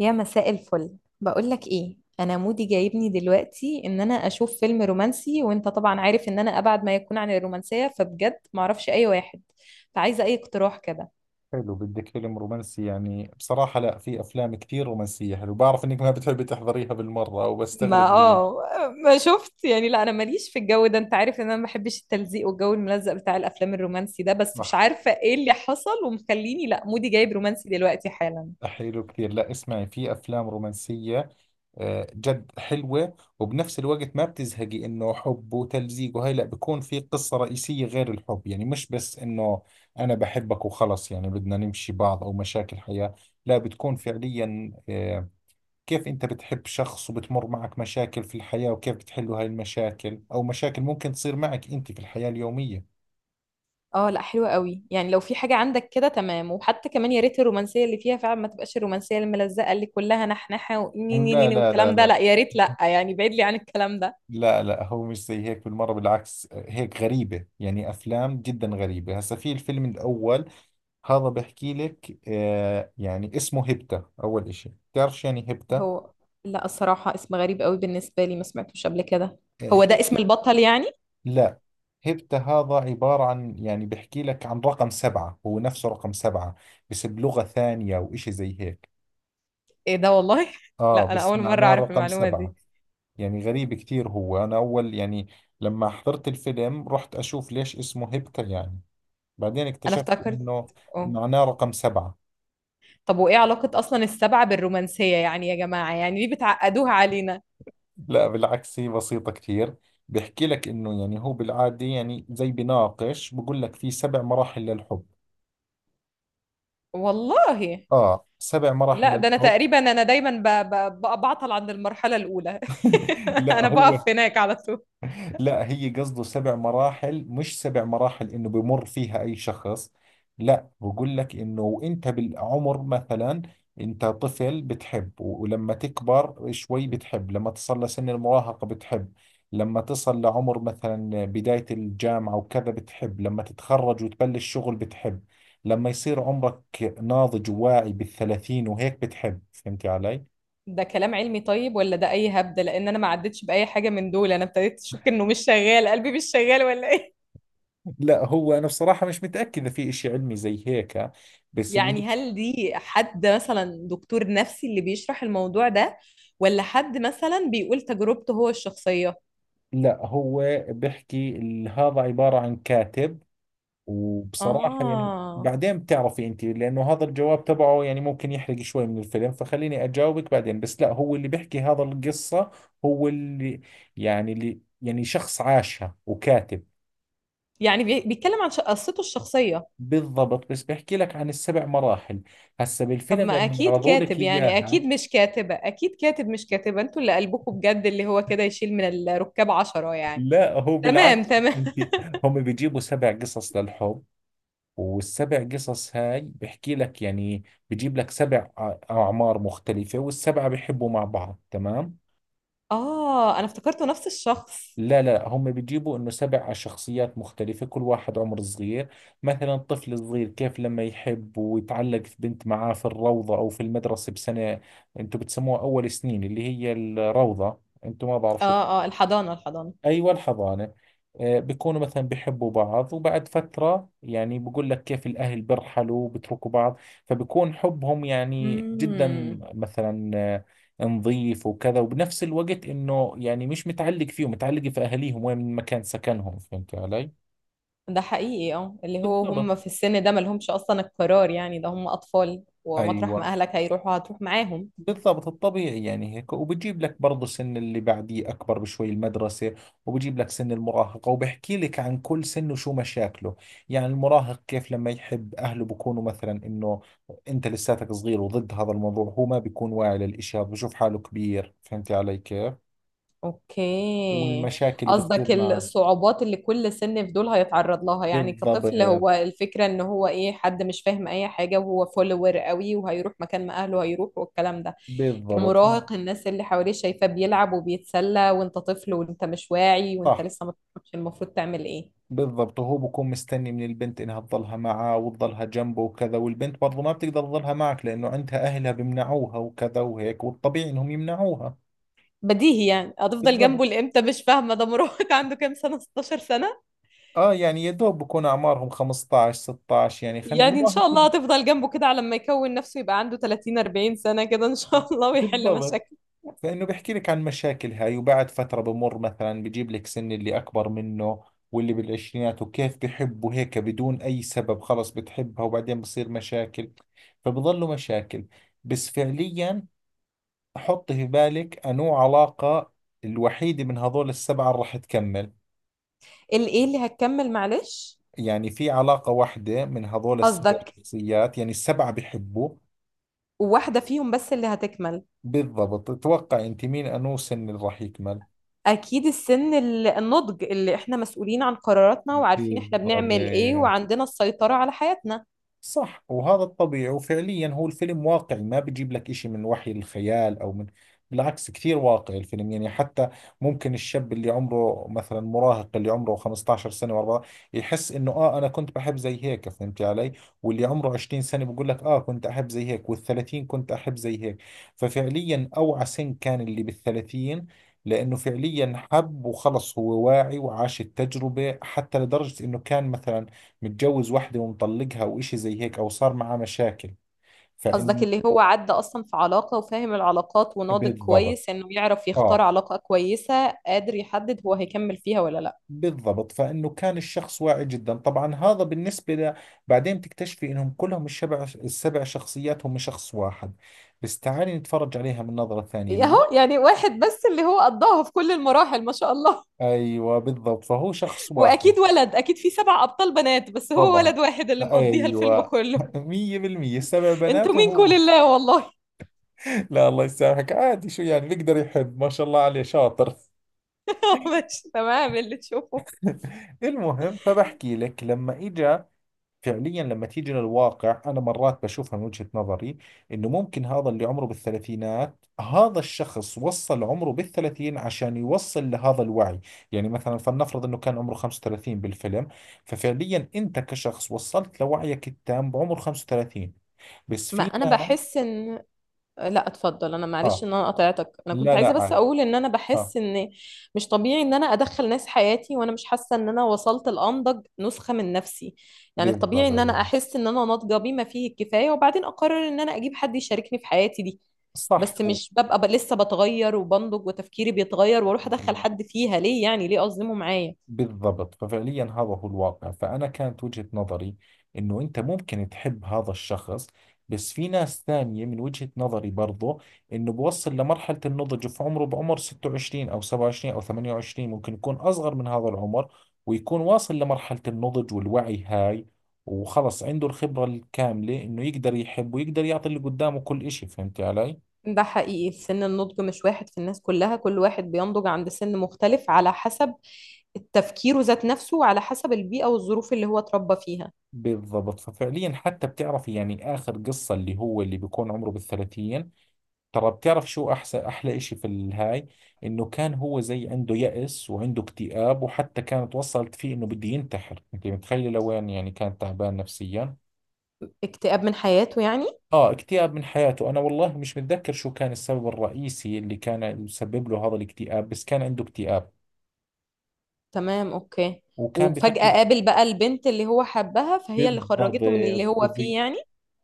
يا مساء الفل، بقولك ايه، انا مودي جايبني دلوقتي ان انا اشوف فيلم رومانسي، وانت طبعا عارف ان انا ابعد ما يكون عن الرومانسية، فبجد معرفش اي واحد، فعايزة اي اقتراح كده. حلو، بدك فيلم رومانسي. يعني بصراحة لا، في أفلام كثير رومانسية حلو. بعرف إنك ما بتحبي تحضريها بالمرة ما وبستغرب ليش. اه ما شفت، يعني لا انا ماليش في الجو ده، انت عارف ان انا ما بحبش التلزيق والجو الملزق بتاع الافلام الرومانسي ده، بس مش صح. عارفة ايه اللي حصل ومخليني لا مودي جايب رومانسي دلوقتي حالا. حلو كثير، لا اسمعي، في أفلام رومانسية جد حلوة، وبنفس الوقت ما بتزهقي. إنه حب وتلزيق وهي لا، بيكون في قصة رئيسية غير الحب، يعني مش بس إنه أنا بحبك وخلص، يعني بدنا نمشي بعض أو مشاكل حياة. لا، بتكون فعليا كيف أنت بتحب شخص وبتمر معك مشاكل في الحياة، وكيف بتحلوا هاي المشاكل، أو مشاكل ممكن تصير معك أنت في الحياة اليومية. اه لا حلوة قوي، يعني لو في حاجة عندك كده تمام، وحتى كمان يا ريت الرومانسية اللي فيها فعلا ما تبقاش الرومانسية الملزقة اللي كلها نحنحة لا ونينينيني لا لا والكلام ده، لا. لا يا ريت، لا يعني بعيد لي عن الكلام ده. لا لا، هو مش زي هيك بالمرة، بالعكس هيك غريبة، يعني أفلام جدا غريبة. هسا في الفيلم الأول هذا بحكي لك، يعني اسمه هبتة. أول إشي، بتعرف شو يعني هبتة؟ هو لا الصراحة اسم غريب قوي بالنسبة لي، ما سمعتوش قبل كده. آه، هو ده هب اسم البطل يعني؟ لا، هبتة هذا عبارة عن، يعني بحكي لك عن رقم سبعة، هو نفسه رقم سبعة، بس بلغة ثانية وإشي زي هيك. ايه ده والله لا انا بس اول مرة معناه اعرف رقم المعلومة سبعة. دي. يعني غريب كثير، هو أنا أول يعني لما حضرت الفيلم رحت أشوف ليش اسمه هبتا يعني، بعدين انا اكتشفت افتكرت، إنه اه. معناه رقم سبعة. طب وايه علاقة اصلا السبعة بالرومانسية يعني؟ يا جماعة يعني ليه بتعقدوها علينا؟ لا بالعكس، هي بسيطة كثير. بيحكي لك إنه، يعني هو بالعادة، يعني زي بناقش بقول لك، في سبع مراحل للحب. والله، سبع مراحل لا ده انا للحب. تقريبا انا دايما بعطل عند المرحله الاولى. لا انا هو، بقف هناك على طول. لا هي قصده سبع مراحل، مش سبع مراحل انه بمر فيها اي شخص. لا بقول لك انه وانت بالعمر، مثلا انت طفل بتحب، ولما تكبر شوي بتحب، لما تصل لسن المراهقة بتحب، لما تصل لعمر مثلا بداية الجامعة وكذا بتحب، لما تتخرج وتبلش شغل بتحب، لما يصير عمرك ناضج وواعي بالثلاثين وهيك بتحب. فهمتي علي؟ ده كلام علمي طيب ولا ده اي هبده؟ لان انا ما عدتش باي حاجه من دول، انا ابتديت اشك انه مش شغال، قلبي مش شغال ولا ايه؟ لا هو أنا بصراحة مش متأكد إذا في إشي علمي زي هيك، بس اللي، يعني هل دي حد مثلا دكتور نفسي اللي بيشرح الموضوع ده، ولا حد مثلا بيقول تجربته هو الشخصيه؟ لا هو بحكي هذا عبارة عن كاتب. وبصراحة يعني اه بعدين بتعرفي انت، لانه هذا الجواب تبعه يعني ممكن يحرق شوي من الفيلم، فخليني اجاوبك بعدين. بس لا، هو اللي بيحكي هذا القصة، هو اللي يعني اللي يعني شخص عاشها وكاتب. يعني بيتكلم عن قصته الشخصيه. بالضبط، بس بحكي لك عن السبع مراحل هسا طب بالفيلم ما لما اكيد يعرضوا لك كاتب، يعني اكيد اياها. مش كاتبة، اكيد كاتب مش كاتبة، انتوا اللي قلبكم بجد اللي هو كده يشيل من الركاب عشرة يعني. لا هو تمام بالعكس تمام. انت. هم بيجيبوا سبع قصص للحب، والسبع قصص هاي بحكي لك يعني، بجيب لك سبع أعمار مختلفة، والسبعة بيحبوا مع بعض. تمام. اه انا افتكرته نفس الشخص. لا لا، هم بيجيبوا انه سبع شخصيات مختلفة، كل واحد عمر صغير. مثلا طفل صغير كيف لما يحب ويتعلق في بنت معاه في الروضة او في المدرسة بسنة. انتم بتسموها اول سنين اللي هي الروضة، انتم ما بعرف شو. اه اه، الحضانة الحضانة. ايوه الحضانه. بيكونوا مثلا بيحبوا بعض، وبعد فتره يعني بقول لك كيف الاهل بيرحلوا وبتركوا بعض، فبكون حبهم يعني جدا امم. مثلا، نظيف وكذا، وبنفس الوقت انه يعني مش متعلق فيهم، متعلق في اهاليهم وين مكان سكنهم. فهمت علي؟ ده حقيقي، اه اللي هو هم بالضبط. في السن ده ما لهمش اصلا القرار، يعني ده هم اطفال، ومطرح ما ايوه اهلك هيروحوا هتروح معاهم. بالضبط، الطبيعي يعني هيك. وبجيب لك برضه سن اللي بعديه أكبر بشوي، المدرسة، وبجيب لك سن المراهقة، وبحكي لك عن كل سن وشو مشاكله. يعني المراهق كيف لما يحب، أهله بكونوا مثلا إنه أنت لساتك صغير وضد هذا الموضوع، هو ما بيكون واعي للإشي هذا، بشوف حاله كبير. فهمتي علي كيف؟ اوكي. والمشاكل اللي بتصير قصدك معه. الصعوبات اللي كل سن في دول هيتعرض لها، يعني بالضبط. كطفل هو الفكرة ان هو ايه، حد مش فاهم اي حاجة وهو فولور قوي وهيروح مكان ما اهله هيروح والكلام ده. بالضبط كمراهق الناس اللي حواليه شايفاه بيلعب وبيتسلى وانت طفل وانت مش واعي وانت صح، لسه ما تعرفش المفروض تعمل ايه. بالضبط. وهو بكون مستني من البنت انها تظلها معاه وتظلها جنبه وكذا، والبنت برضو ما بتقدر تظلها معك لانه عندها اهلها بيمنعوها وكذا وهيك، والطبيعي انهم يمنعوها. بديهي يعني هتفضل بالضبط. جنبه لامتى؟ مش فاهمة، ده مراهق عنده كام سنة؟ 16 سنة، اه يعني يا دوب بكون اعمارهم 15 16، يعني خلينا يعني ان شاء الله مراهقين. هتفضل جنبه كده على ما يكون نفسه يبقى عنده 30 40 سنة كده ان شاء الله ويحل بالضبط، مشاكله. فانه بيحكي لك عن مشاكل هاي، وبعد فترة بمر مثلا، بجيب لك سن اللي اكبر منه، واللي بالعشرينات، وكيف بحبه هيك بدون اي سبب، خلص بتحبها وبعدين بصير مشاكل، فبضلوا مشاكل. بس فعليا حط في بالك أنو علاقة الوحيدة من هذول السبعة اللي راح تكمل. الايه اللي هتكمل معلش؟ يعني في علاقة واحدة من هذول السبع قصدك شخصيات، يعني السبعة بحبوا. واحدة فيهم بس اللي هتكمل؟ بالضبط، تتوقع أنت مين أنو سن اللي راح يكمل. أكيد السن النضج، اللي إحنا مسؤولين عن قراراتنا وعارفين إحنا بنعمل إيه بالضبط وعندنا السيطرة على حياتنا. صح، وهذا الطبيعي. وفعليا هو الفيلم واقعي، ما بيجيب لك إشي من وحي الخيال أو من، بالعكس كثير واقعي الفيلم، يعني حتى ممكن الشاب اللي عمره مثلا مراهق، اللي عمره 15 سنة و14، يحس إنه آه أنا كنت بحب زي هيك. فهمتي علي؟ واللي عمره 20 سنة بيقول لك آه كنت أحب زي هيك، وال30 كنت أحب زي هيك. ففعليا أوعى سن كان اللي بال30، لأنه فعليا حب وخلص، هو واعي وعاش التجربة، حتى لدرجة إنه كان مثلا متجوز واحدة ومطلقها وإشي زي هيك، أو صار معاه مشاكل. قصدك فإن، اللي هو عدى أصلا في علاقة وفاهم العلاقات وناضج بالضبط. كويس إنه يعرف يختار آه علاقة كويسة، قادر يحدد هو هيكمل فيها ولا لأ؟ بالضبط، فإنه كان الشخص واعي جدا. طبعا هذا بالنسبة بعدين تكتشفي إنهم كلهم السبع شخصيات هم شخص واحد، بس تعالي نتفرج عليها من نظرة ثانية أهو يعني واحد بس اللي هو قضاها في كل المراحل، ما شاء الله. أيوة بالضبط، فهو شخص واحد. وأكيد ولد، أكيد في سبع أبطال بنات بس هو طبعا. ولد واحد اللي مقضيها الفيلم أيوة. كله. مية بالمية سبع انتوا بنات مين كل وهو، الله والله. لا الله يسامحك، عادي، شو يعني، بيقدر يحب، ما شاء الله عليه شاطر. ماشي تمام اللي تشوفه. المهم، فبحكي لك لما اجى فعليا، لما تيجي للواقع انا مرات بشوفها من وجهة نظري، انه ممكن هذا اللي عمره بالثلاثينات، هذا الشخص وصل عمره بالثلاثين عشان يوصل لهذا الوعي. يعني مثلا فلنفرض انه كان عمره 35 بالفيلم، ففعليا انت كشخص وصلت لوعيك التام بعمر 35، بس ما في انا ناس. بحس ان، لا اتفضل، انا معلش اه. ان انا قطعتك، انا كنت لا عايزه لا بس عادي. اقول ان انا اه. بحس ان مش طبيعي ان انا ادخل ناس حياتي وانا مش حاسه ان انا وصلت لانضج نسخه من نفسي. يعني الطبيعي ان بالضبط انا احس ان انا ناضجه بما فيه الكفايه، وبعدين اقرر ان انا اجيب حد يشاركني في حياتي دي. صح، بس مش ببقى لسه بتغير وبنضج وتفكيري بيتغير واروح ادخل حد فيها ليه يعني؟ ليه اظلمه معايا؟ بالضبط. ففعليا هذا هو الواقع. فأنا كانت وجهة نظري إنه أنت ممكن تحب هذا الشخص، بس في ناس ثانية من وجهة نظري برضو إنه بوصل لمرحلة النضج في عمره بعمر 26 أو 27 أو 28، ممكن يكون أصغر من هذا العمر ويكون واصل لمرحلة النضج والوعي هاي، وخلص عنده الخبرة الكاملة إنه يقدر يحب ويقدر يعطي اللي قدامه كل إشي. فهمتي علي؟ ده حقيقي، سن النضج مش واحد في الناس كلها، كل واحد بينضج عند سن مختلف على حسب تفكيره ذات نفسه وعلى حسب البيئة والظروف اللي هو اتربى فيها. بالضبط. ففعليا حتى بتعرفي، يعني آخر قصة اللي هو اللي بيكون عمره بالثلاثين، ترى بتعرف شو أحسن أحلى إشي في الهاي، إنه كان هو زي عنده يأس وعنده اكتئاب، وحتى كانت وصلت فيه إنه بده ينتحر. أنت متخيل لوين؟ يعني كان تعبان نفسيا. اكتئاب من حياته يعني؟ آه اكتئاب من حياته، أنا والله مش متذكر شو كان السبب الرئيسي اللي كان يسبب له هذا الاكتئاب، بس كان عنده اكتئاب تمام اوكي. وكان وفجأة بيفكر. قابل بقى البنت اللي هو حبها، فهي اللي بالضبط خرجته من اللي هو فيه وب... يعني.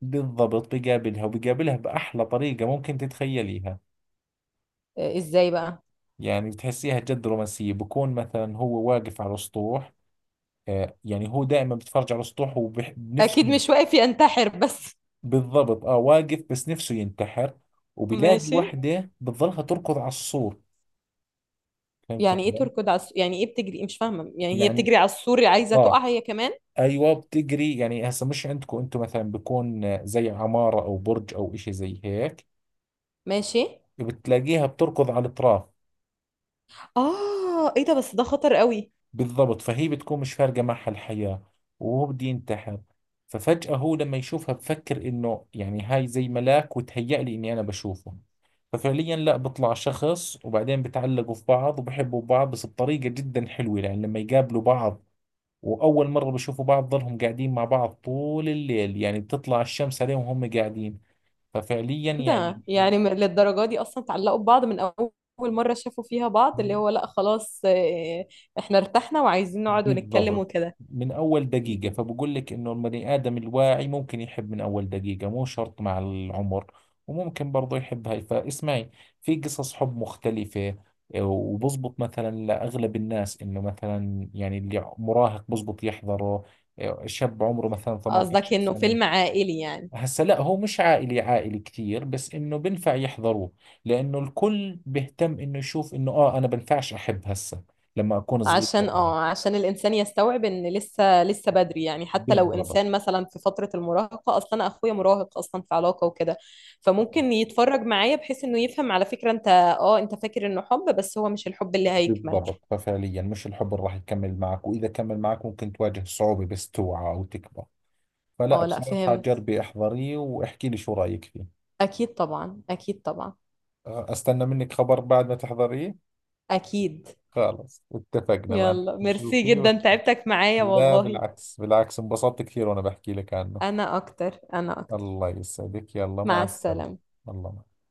بالضبط، بيقابلها، وبيقابلها بأحلى طريقة ممكن تتخيليها. آه, ازاي بقى؟ يعني بتحسيها جد رومانسية، بكون مثلا هو واقف على سطوح، يعني هو دائما بتفرج على السطوح اكيد وبنفسه. مش واقف ينتحر بس. بالضبط، اه واقف بس نفسه ينتحر، وبيلاقي ماشي. وحده بتظلها تركض على السور. فهمت يعني ايه علي؟ تركض على يعني ايه بتجري، مش فاهمة، يعني هي يعني، بتجري على السور عايزة اه تقع هي كمان؟ ايوه بتجري، يعني هسه مش عندكم انتم مثلا بيكون زي عماره او برج او اشي زي هيك، ماشي. بتلاقيها بتركض على الاطراف. اه ايه ده، بس ده خطر قوي. بالضبط، فهي بتكون مش فارقه معها الحياه، وهو بده ينتحر. ففجأة هو لما يشوفها بفكر إنه يعني هاي زي ملاك وتهيأ لي إني أنا بشوفه. ففعليا لا بطلع شخص، وبعدين بتعلقوا في بعض وبحبوا بعض، بس بطريقة جدا حلوة يعني لما يقابلوا بعض. وأول مرة بشوفوا بعض ظلهم قاعدين مع بعض طول الليل، يعني بتطلع الشمس عليهم وهم قاعدين. ففعليا ده يعني، يعني للدرجة دي أصلا اتعلقوا ببعض من أول مرة شافوا فيها بعض؟ اللي هو لأ خلاص آه, إحنا ارتحنا وعايزين نقعد ونتكلم بالضبط وكده. من أول دقيقة. فبقول لك إنه البني آدم الواعي ممكن يحب من أول دقيقة، مو شرط مع العمر، وممكن برضه يحب. هاي فاسمعي، في قصص حب مختلفة. وبزبط مثلا لأغلب الناس، إنه مثلا يعني اللي مراهق بزبط يحضره، شاب عمره مثلا قصدك 18 إنه سنة. فيلم عائلي يعني؟ هسا لا، هو مش عائلي عائلي كثير، بس إنه بنفع يحضروه، لأنه الكل بيهتم إنه يشوف إنه آه أنا بنفعش أحب هسا لما أكون صغير عشان برضه. اه عشان الإنسان يستوعب إن لسه لسه بدري، يعني حتى لو بالضبط. إنسان مثلا في فترة المراهقة، أصلا أنا أخويا مراهق أصلا في علاقة وكده، فممكن يتفرج معايا بحيث إنه يفهم على فكرة أنت اه أنت فاكر إنه حب بس هو مش الحب اللي هيكمل. بالضبط ففعليا مش الحب اللي راح يكمل معك، وإذا كمل معك ممكن تواجه صعوبة، بس توعى أو تكبر. فلا اه لأ بصراحة فهمت. جربي احضريه واحكي لي شو رأيك فيه. أكيد طبعا أكيد طبعا. أستنى منك خبر بعد ما تحضريه. أكيد. خلص اتفقنا، ما يلا ميرسي شوفي، جدا، تعبتك معايا لا والله. بالعكس بالعكس، انبسطت كثير وأنا بحكي لك عنه. انا اكتر انا اكتر. الله يسعدك، يلا مع مع السلامة. السلامة. الله معك.